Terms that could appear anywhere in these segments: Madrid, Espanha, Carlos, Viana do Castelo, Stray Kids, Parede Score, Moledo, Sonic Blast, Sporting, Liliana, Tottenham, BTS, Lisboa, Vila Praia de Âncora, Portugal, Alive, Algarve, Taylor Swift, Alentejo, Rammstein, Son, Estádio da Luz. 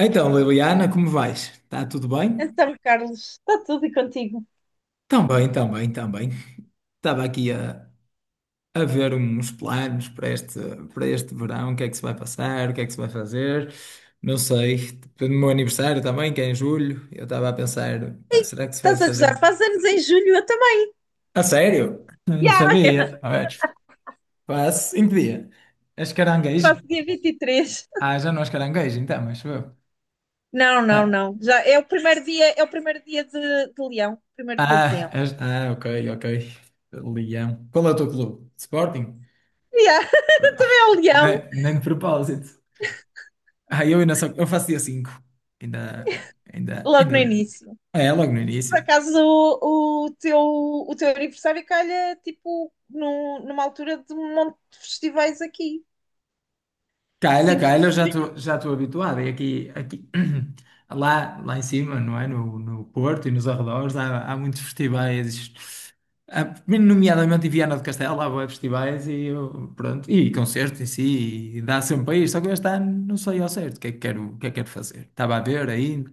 Então, Liliana, como vais? Está tudo bem? Então, Carlos, está tudo e contigo. Tão bem, tão bem, tão bem. Estava aqui a ver uns planos para este verão, o que é que se vai passar, o que é que se vai fazer, não sei. Tipo, no meu aniversário também, que é em julho, eu estava a pensar, pá, será que se vai Estás a fazer? gozar? Faz anos em julho, eu também. A sério? Não Ya, ya. sabia. A ver. Pá, em que dia? És caranguejo? Faço dia 23. Ah, já não és caranguejo, então, mas eu. Não, não, Ah, não. Já é o primeiro dia, é o primeiro dia de Leão. Primeiro dia de ah, Leão. és. Ah, ok, ok. Leão. Qual é o teu clube? Sporting? Ya, é o Leão, Nem de propósito. Ah, eu faço dia 5. Ainda, ainda, logo no ainda. início. É, logo no início. Por acaso o teu aniversário calha tipo numa altura de um monte de festivais aqui. Calha, cinco de calha, eu já julho. estou já estou habituado. E aqui lá em cima, não é? No Porto e nos arredores, há muitos festivais. Há, nomeadamente em Viana do Castelo, há bué festivais e eu, pronto, e concertos em si, e dá sempre para ir. Só que este ano não sei ao certo o que é que quero, o que é que quero fazer. Estava a ver aí,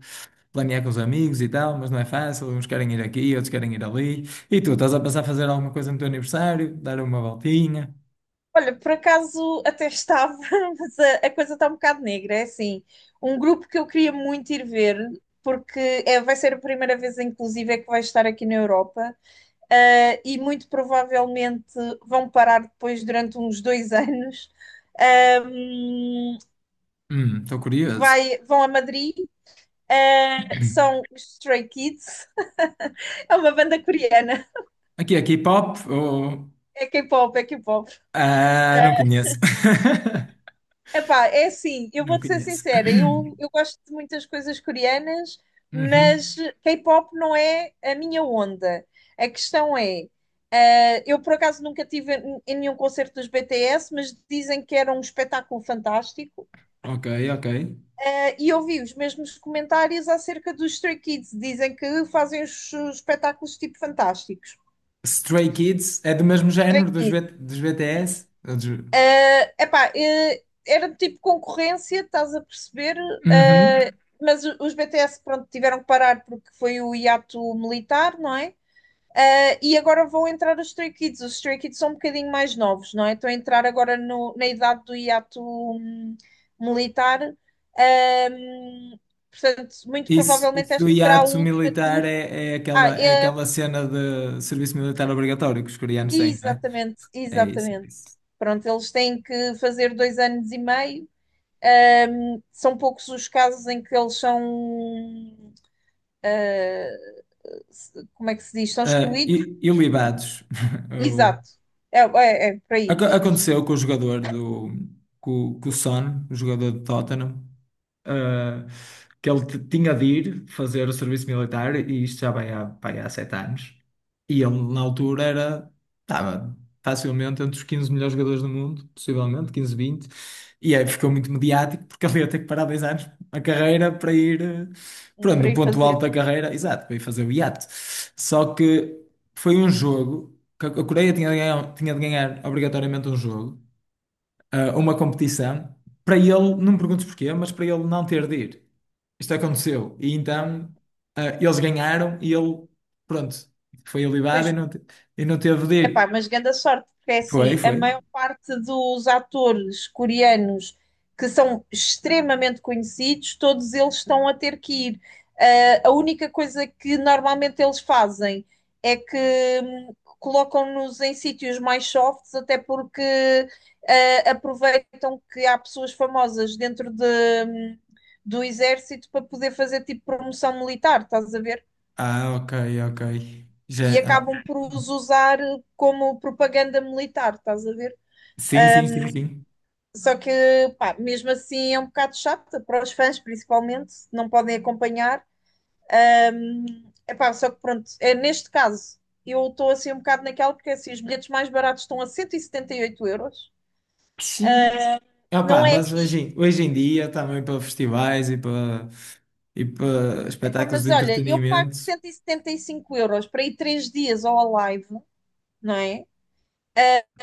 planear com os amigos e tal, mas não é fácil. Uns querem ir aqui, outros querem ir ali. E tu, estás a pensar fazer alguma coisa no teu aniversário? Dar uma voltinha? Olha, por acaso até estava, mas a coisa está um bocado negra. É assim, um grupo que eu queria muito ir ver, porque é, vai ser a primeira vez, inclusive, é que vai estar aqui na Europa, e muito provavelmente vão parar depois durante uns dois anos. Ahm, Estou curioso. vão a Madrid, são os Stray Kids, é uma banda coreana. Aqui é K-pop ou. É K-pop, é K-pop. Ah, não conheço. Epá, é assim, eu Não vou-te ser conheço. sincera, eu gosto de muitas coisas coreanas, mas Uhum. K-pop não é a minha onda. A questão é, eu por acaso nunca tive em nenhum concerto dos BTS, mas dizem que era um espetáculo fantástico. Ok, ok. E ouvi os mesmos comentários acerca dos Stray Kids, dizem que fazem os espetáculos tipo fantásticos. Stray Kids é do mesmo Stray género dos, B- Kids. dos BTS? Ou dos- Epá, era tipo concorrência, estás a perceber? Uhum. Eh, mas os BTS, pronto, tiveram que parar porque foi o hiato militar, não é? E agora vão entrar os Stray Kids. Os Stray Kids são um bocadinho mais novos, não é? Estão a entrar agora na idade do hiato militar. Ahm, portanto, muito Isso, provavelmente isso do esta será a hiato última militar tour. é Ah, aquela, é é, aquela cena de serviço militar obrigatório que os coreanos têm, não é? exatamente, É isso, é exatamente. isso. Pronto, eles têm que fazer 2 anos e meio. São poucos os casos em que eles são, como é que se diz, são Ah, excluídos. e libados? Eu. Exato, é, é, é para aí, Aconteceu com o jogador do. Com o Son, o jogador do Tottenham, eh, que ele tinha de ir fazer o serviço militar, e isto já vai há 7 anos. E ele, na altura, estava facilmente entre os 15 melhores jogadores do mundo, possivelmente, 15, 20. E aí ficou muito mediático, porque ele ia ter que parar 2 anos a carreira para ir, pronto, para no aí ponto alto fazer. da carreira, exato, para ir fazer o iate. Só que foi um jogo que a Coreia tinha de ganhar obrigatoriamente um jogo, uma competição, para ele, não me perguntes porquê, mas para ele não ter de ir. Isto aconteceu. E então eles ganharam e ele, pronto, foi Pois. alivado e e não teve de Epá, ir. mas grande sorte, porque é Foi, assim, a foi. maior parte dos atores coreanos que são extremamente conhecidos, todos eles estão a ter que ir. Ah, a única coisa que normalmente eles fazem é que hum, colocam-nos em sítios mais softs, até porque aproveitam que há pessoas famosas dentro hum, do exército para poder fazer tipo promoção militar, estás a ver? Ah, ok, ok. E Já, acabam por os usar como propaganda militar, estás a ver? sim, sim, sim, sim. Só que, pá, mesmo assim é um bocado chato para os fãs, principalmente, não podem acompanhar. Epá, só que pronto, é, neste caso, eu estou assim um bocado naquela, porque assim, os bilhetes mais baratos estão a 178 euros, Sim. Opá, não é mas aqui. hoje em dia, também para festivais e para Epá, espetáculos mas de olha, eu pago entretenimento. 175 € para ir três dias ao live, não é?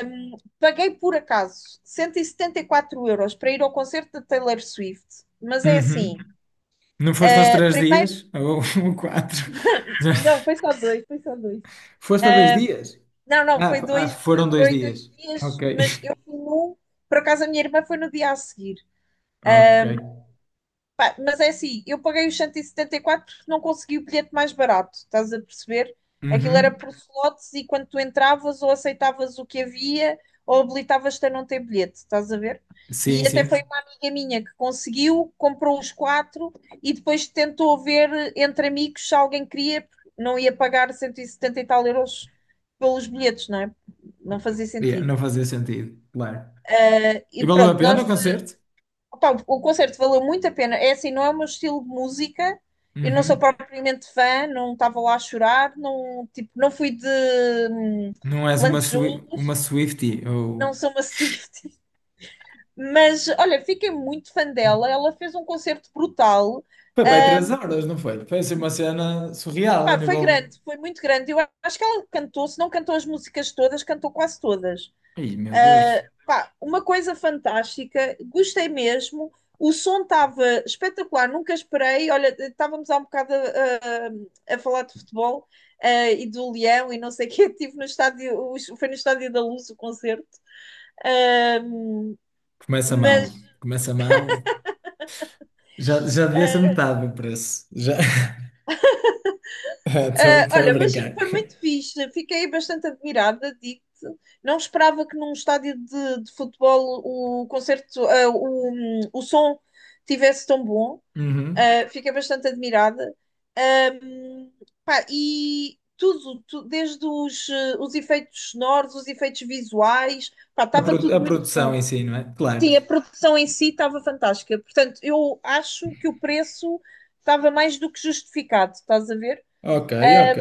Paguei por acaso cento e setenta e quatro euros para ir ao concerto de Taylor Swift, mas é assim, Uhum. Não foste aos três primeiro, dias? Ou quatro? Já- não, foi só dois, foi só dois. Foste a 2 dias? Não, não, Ah, foram dois foi dois dias. dias, Ok. mas eu fui num, por acaso a minha irmã foi no dia a seguir. Ok. Pá, mas é assim, eu paguei os 174 porque não consegui o bilhete mais barato, estás a perceber? Aquilo era Uhum. por slots e quando tu entravas ou aceitavas o que havia ou habilitavas-te a não ter bilhete, estás a ver? Sim, E até foi sim. uma amiga minha que conseguiu, comprou os quatro e depois tentou ver entre amigos se alguém queria, porque não ia pagar 170 e setenta e tal euros pelos bilhetes, não é? Não fazia Yeah, sentido. não fazia sentido, claro. E E valeu a pronto, pena nós. o concerto? Opa, o concerto valeu muito a pena. É assim, não é o meu estilo de música. Eu não sou Uhum. propriamente fã, não estava lá a chorar, não, tipo, não fui de hum, Não és uma, lantejou. Swi- uma Swiftie ou. Não sou uma Swift. Mas, olha, fiquei muito fã dela. Ela fez um concerto brutal. Foi para aí três Hum, horas, não foi? Foi assim uma cena surreal a pá, foi nível. grande, foi muito grande. Eu acho que ela cantou, se não cantou as músicas todas, cantou quase todas. Ih, meu Deus. Pá, uma coisa fantástica, gostei mesmo. O som estava espetacular, nunca esperei. Olha, estávamos há um bocado a, falar de futebol e do Leão e não sei o quê. Estive no estádio, foi no estádio da Luz o concerto. Uh, Começa mal. mas, Começa mal. Já devia ser ah, metade do preço. Já. Estou ah, estou a olha, mas brincar. foi muito fixe. Fiquei bastante admirada, digo não esperava que num estádio de futebol o concerto, o som tivesse tão bom. Uhum. Fiquei bastante admirada. Um, pá, e tudo, desde os, os efeitos sonoros, os efeitos visuais, pá, A, estava pro- tudo a muito produção bom. em si, não é? Claro. Sim, a produção em si estava fantástica. Portanto, eu acho que o preço estava mais do que justificado, estás a ver? Ok, ok.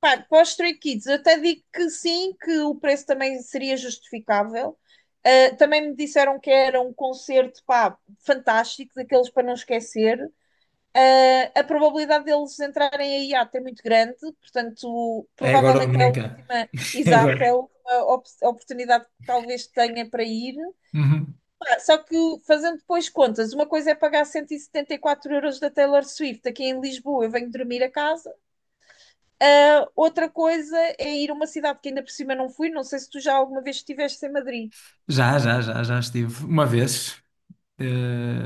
Pá, para os Stray Kids, eu até digo que sim, que o preço também seria justificável. Também me disseram que era um concerto, pá, fantástico, daqueles para não esquecer. A probabilidade deles entrarem a IAT é muito grande, portanto, É agora ou provavelmente é a nunca. última, É agora. exato, é a última oportunidade que talvez tenha para ir. Uhum. Só que, fazendo depois contas, uma coisa é pagar 174 € da Taylor Swift aqui em Lisboa, eu venho dormir a casa. Outra coisa é ir a uma cidade que ainda por cima não fui, não sei se tu já alguma vez estiveste em Madrid. Já, já, já, já estive uma vez, eh,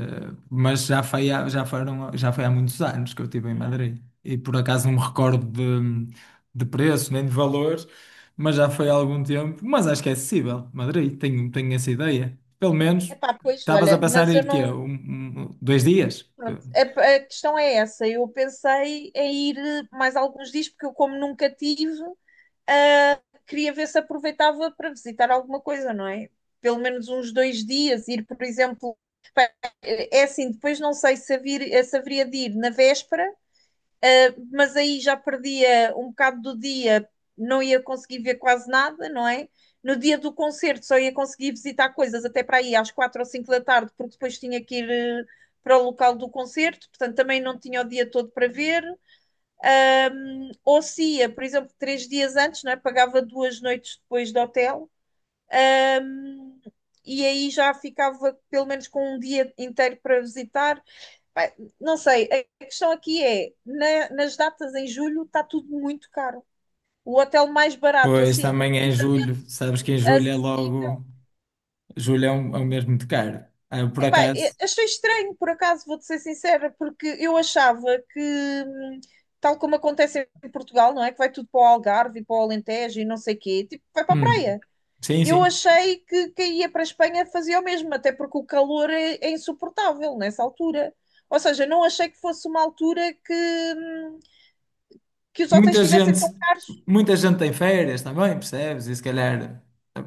mas já foi há muitos anos que eu estive em Madrid. E por acaso não me recordo de preço nem de valores, mas já foi há algum tempo. Mas acho que é acessível. Madrid, tenho essa ideia. Pelo menos Epá, pois, estavas a olha, pensar mas em eu ir quê? não. Dois dias? Pronto, a questão é essa. Eu pensei em ir mais alguns dias, porque eu, como nunca tive, ah, queria ver se aproveitava para visitar alguma coisa, não é? Pelo menos uns dois dias, ir, por exemplo, é assim, depois não sei se, se haveria de ir na véspera, mas aí já perdia um bocado do dia, não ia conseguir ver quase nada, não é? No dia do concerto só ia conseguir visitar coisas até para aí às quatro ou cinco da tarde, porque depois tinha que ir para o local do concerto, portanto também não tinha o dia todo para ver. Ou se ia, por exemplo, três dias antes, não é? Pagava duas noites depois do hotel. Ahm, e aí já ficava pelo menos com um dia inteiro para visitar. Pá, não sei, a questão aqui é, nas datas em julho está tudo muito caro. O hotel mais barato, Pois assim, também é em relativamente julho, sabes que em julho é acessível. logo. Julho é um mês muito caro. Ah, por Epá, acaso. achei estranho, por acaso, vou-te ser sincera, porque eu achava que, hum, tal como acontece em Portugal, não é? Que vai tudo para o Algarve e para o Alentejo e não sei quê, tipo, vai para a Hum, praia. sim, Eu sim. achei que quem ia para a Espanha fazia o mesmo, até porque o calor é insuportável nessa altura. Ou seja, não achei que fosse uma altura que os hotéis Muita estivessem tão gente, caros. muita gente tem férias também, percebes? E se calhar eh,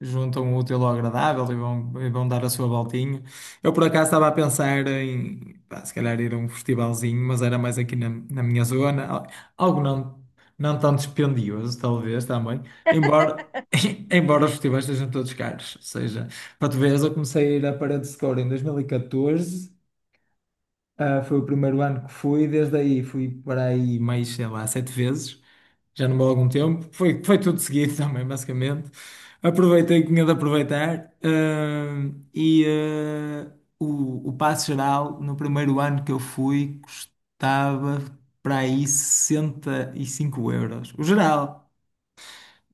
juntam o útil ao agradável e e vão dar a sua voltinha. Eu por acaso estava a pensar em, pá, se calhar ir a um festivalzinho, mas era mais aqui na minha zona, algo não tão dispendioso, talvez também, embora. Embora os festivais sejam todos caros, ou seja, para tu veres, eu comecei a ir à Parede Score em 2014, foi o primeiro ano que fui, desde aí fui para aí mais, sei lá, sete vezes, já não vou há algum tempo. Foi tudo seguido também, basicamente. Aproveitei o que tinha de aproveitar. O passo geral, no primeiro ano que eu fui, custava para aí 65 euros. O geral.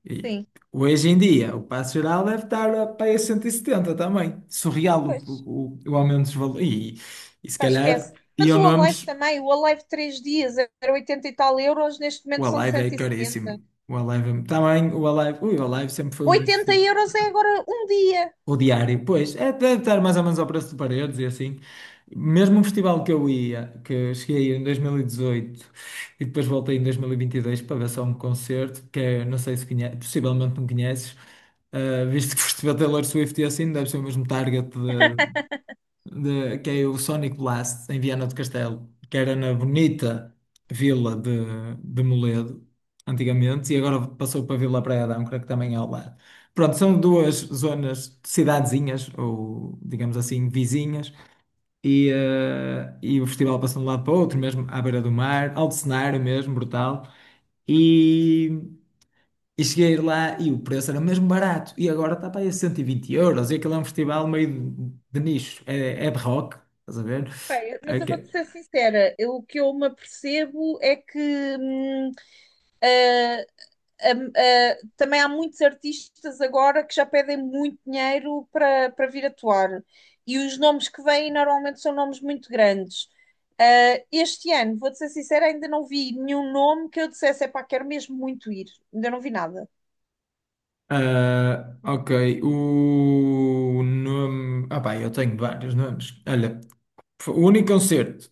E Sim. hoje em dia, o passo geral deve estar para aí a 170 também. Surreal Pois, o aumento dos valores. E se pá, esquece. calhar Mas iam o Alive nomes. também, o Alive 3 dias era 80 e tal euros, neste O momento são Alive é cento e caríssimo. setenta O Alive também. O Alive. Ui, o Alive sempre foi um. 80 euros é agora um dia. O diário, pois, é, deve estar mais ou menos ao preço de paredes e assim. Mesmo um festival que eu ia, que cheguei a ir em 2018 e dezoito e depois voltei em 2022 para ver só um concerto, que é, não sei se conheces, possivelmente não conheces, visto que foste ver Taylor Swift e assim, deve ser o mesmo target que é o Sonic Blast, em Viana do Castelo, que era na bonita vila de Moledo, antigamente, e agora passou para a Vila Praia de Âncora, que também é ao lado. Pronto, são duas zonas, cidadezinhas, ou digamos assim, vizinhas, e o festival passa de um lado para o outro, mesmo à beira do mar, alto cenário mesmo, brutal. E. E cheguei lá e o preço era mesmo barato. E agora está para aí a 120 euros. E aquilo é um festival meio de nicho. É de rock, estás a ver? Pá, mas eu vou-te Ok. ser sincera, o que eu me apercebo é que também há muitos artistas agora que já pedem muito dinheiro para vir atuar. E os nomes que vêm normalmente são nomes muito grandes. Ah, este ano, vou-te ser sincera, ainda não vi nenhum nome que eu dissesse, epá, quero mesmo muito ir. Ainda não vi nada. Ah, ok. O nome. Ah, pá, eu tenho vários nomes. Olha, foi o único concerto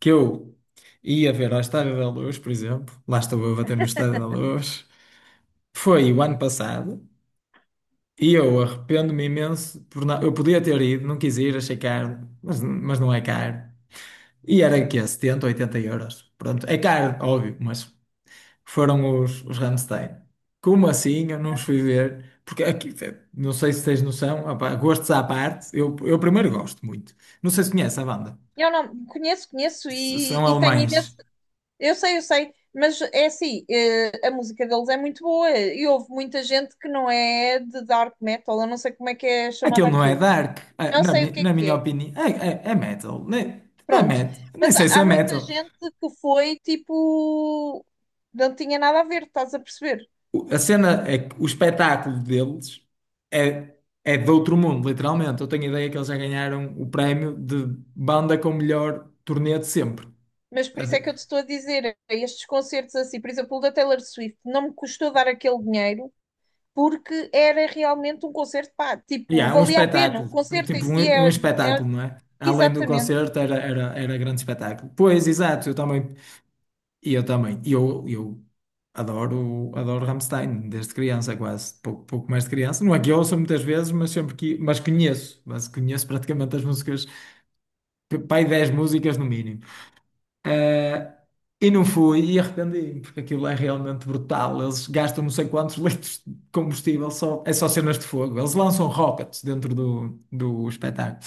que eu ia ver à Estádio da Luz, por exemplo, lá estou eu a bater no Estádio da Luz, foi o ano passado. E eu arrependo-me imenso por não. Eu podia ter ido, não quis ir, achei caro, mas não é caro. E era aqui é 70, 80 euros. Pronto, é caro, óbvio, mas foram os Rammstein. Como assim? Eu não os fui ver. Porque aqui, não sei se tens noção, opá, gostos à parte, eu primeiro gosto muito. Não sei se conhece a banda. Eu não conheço, conheço S- e, são e tenho imenso. alemães. Eu sei, mas é assim, a música deles é muito boa e houve muita gente que não é de dark metal, eu não sei como é que é Aquilo chamada não é aquilo. dark, ah, Não na, sei mi- o que é na que minha é. opinião. É metal. Nem, é Pronto. metal. Nem Mas sei se há é muita metal. gente que foi tipo. Não tinha nada a ver, estás a perceber? A cena é que o espetáculo deles é, é de outro mundo, literalmente. Eu tenho a ideia que eles já ganharam o prémio de banda com o melhor turnê de sempre. Mas A por isso é de- que eu te estou a dizer, estes concertos assim, por exemplo, o da Taylor Swift, não me custou dar aquele dinheiro porque era realmente um concerto, pá, E tipo, há um valia a pena. O espetáculo, concerto em tipo si um é espetáculo, não é? Além do exatamente. concerto, era grande espetáculo. Pois, exato, eu também. E eu também. E eu adoro, adoro Rammstein, desde criança, quase. Pouco, pouco mais de criança. Não é que eu ouço muitas vezes, mas sempre que. Mas conheço. Mas conheço praticamente as músicas. Pai, 10 músicas no mínimo. Eh, e não fui e arrependi-me, porque aquilo é realmente brutal. Eles gastam não sei quantos litros de combustível, é só cenas de fogo. Eles lançam rockets dentro do espetáculo.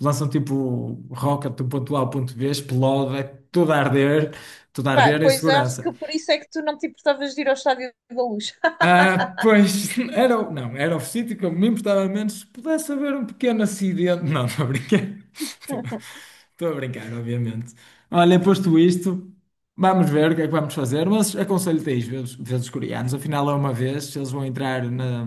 Lançam tipo rocket do ponto A ao ponto B, explode, é tudo a arder, tudo a Pá, arder em pois acho que segurança. por isso é que tu não te importavas de ir ao Estádio da Luz. Ah, pois, não, era o sítio que eu me importava menos se pudesse haver um pequeno acidente. Não, estou a brincar. Estou estou a brincar, obviamente. Olha, posto isto, vamos ver o que é que vamos fazer, mas aconselho-te a ir ver os coreanos. Afinal, é uma vez, eles vão entrar na,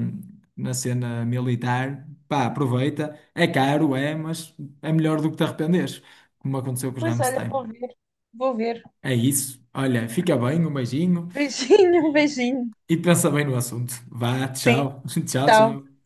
na cena militar. Pá, aproveita. É caro, é, mas é melhor do que te arrependeres, como aconteceu com os Pois olha, Rammstein. vou ver, vou ver. É isso. Olha, fica bem, um beijinho Beijinho, beijinho. e pensa bem no assunto. Vá, Sim, tchau. Tchau, tchau. tchau.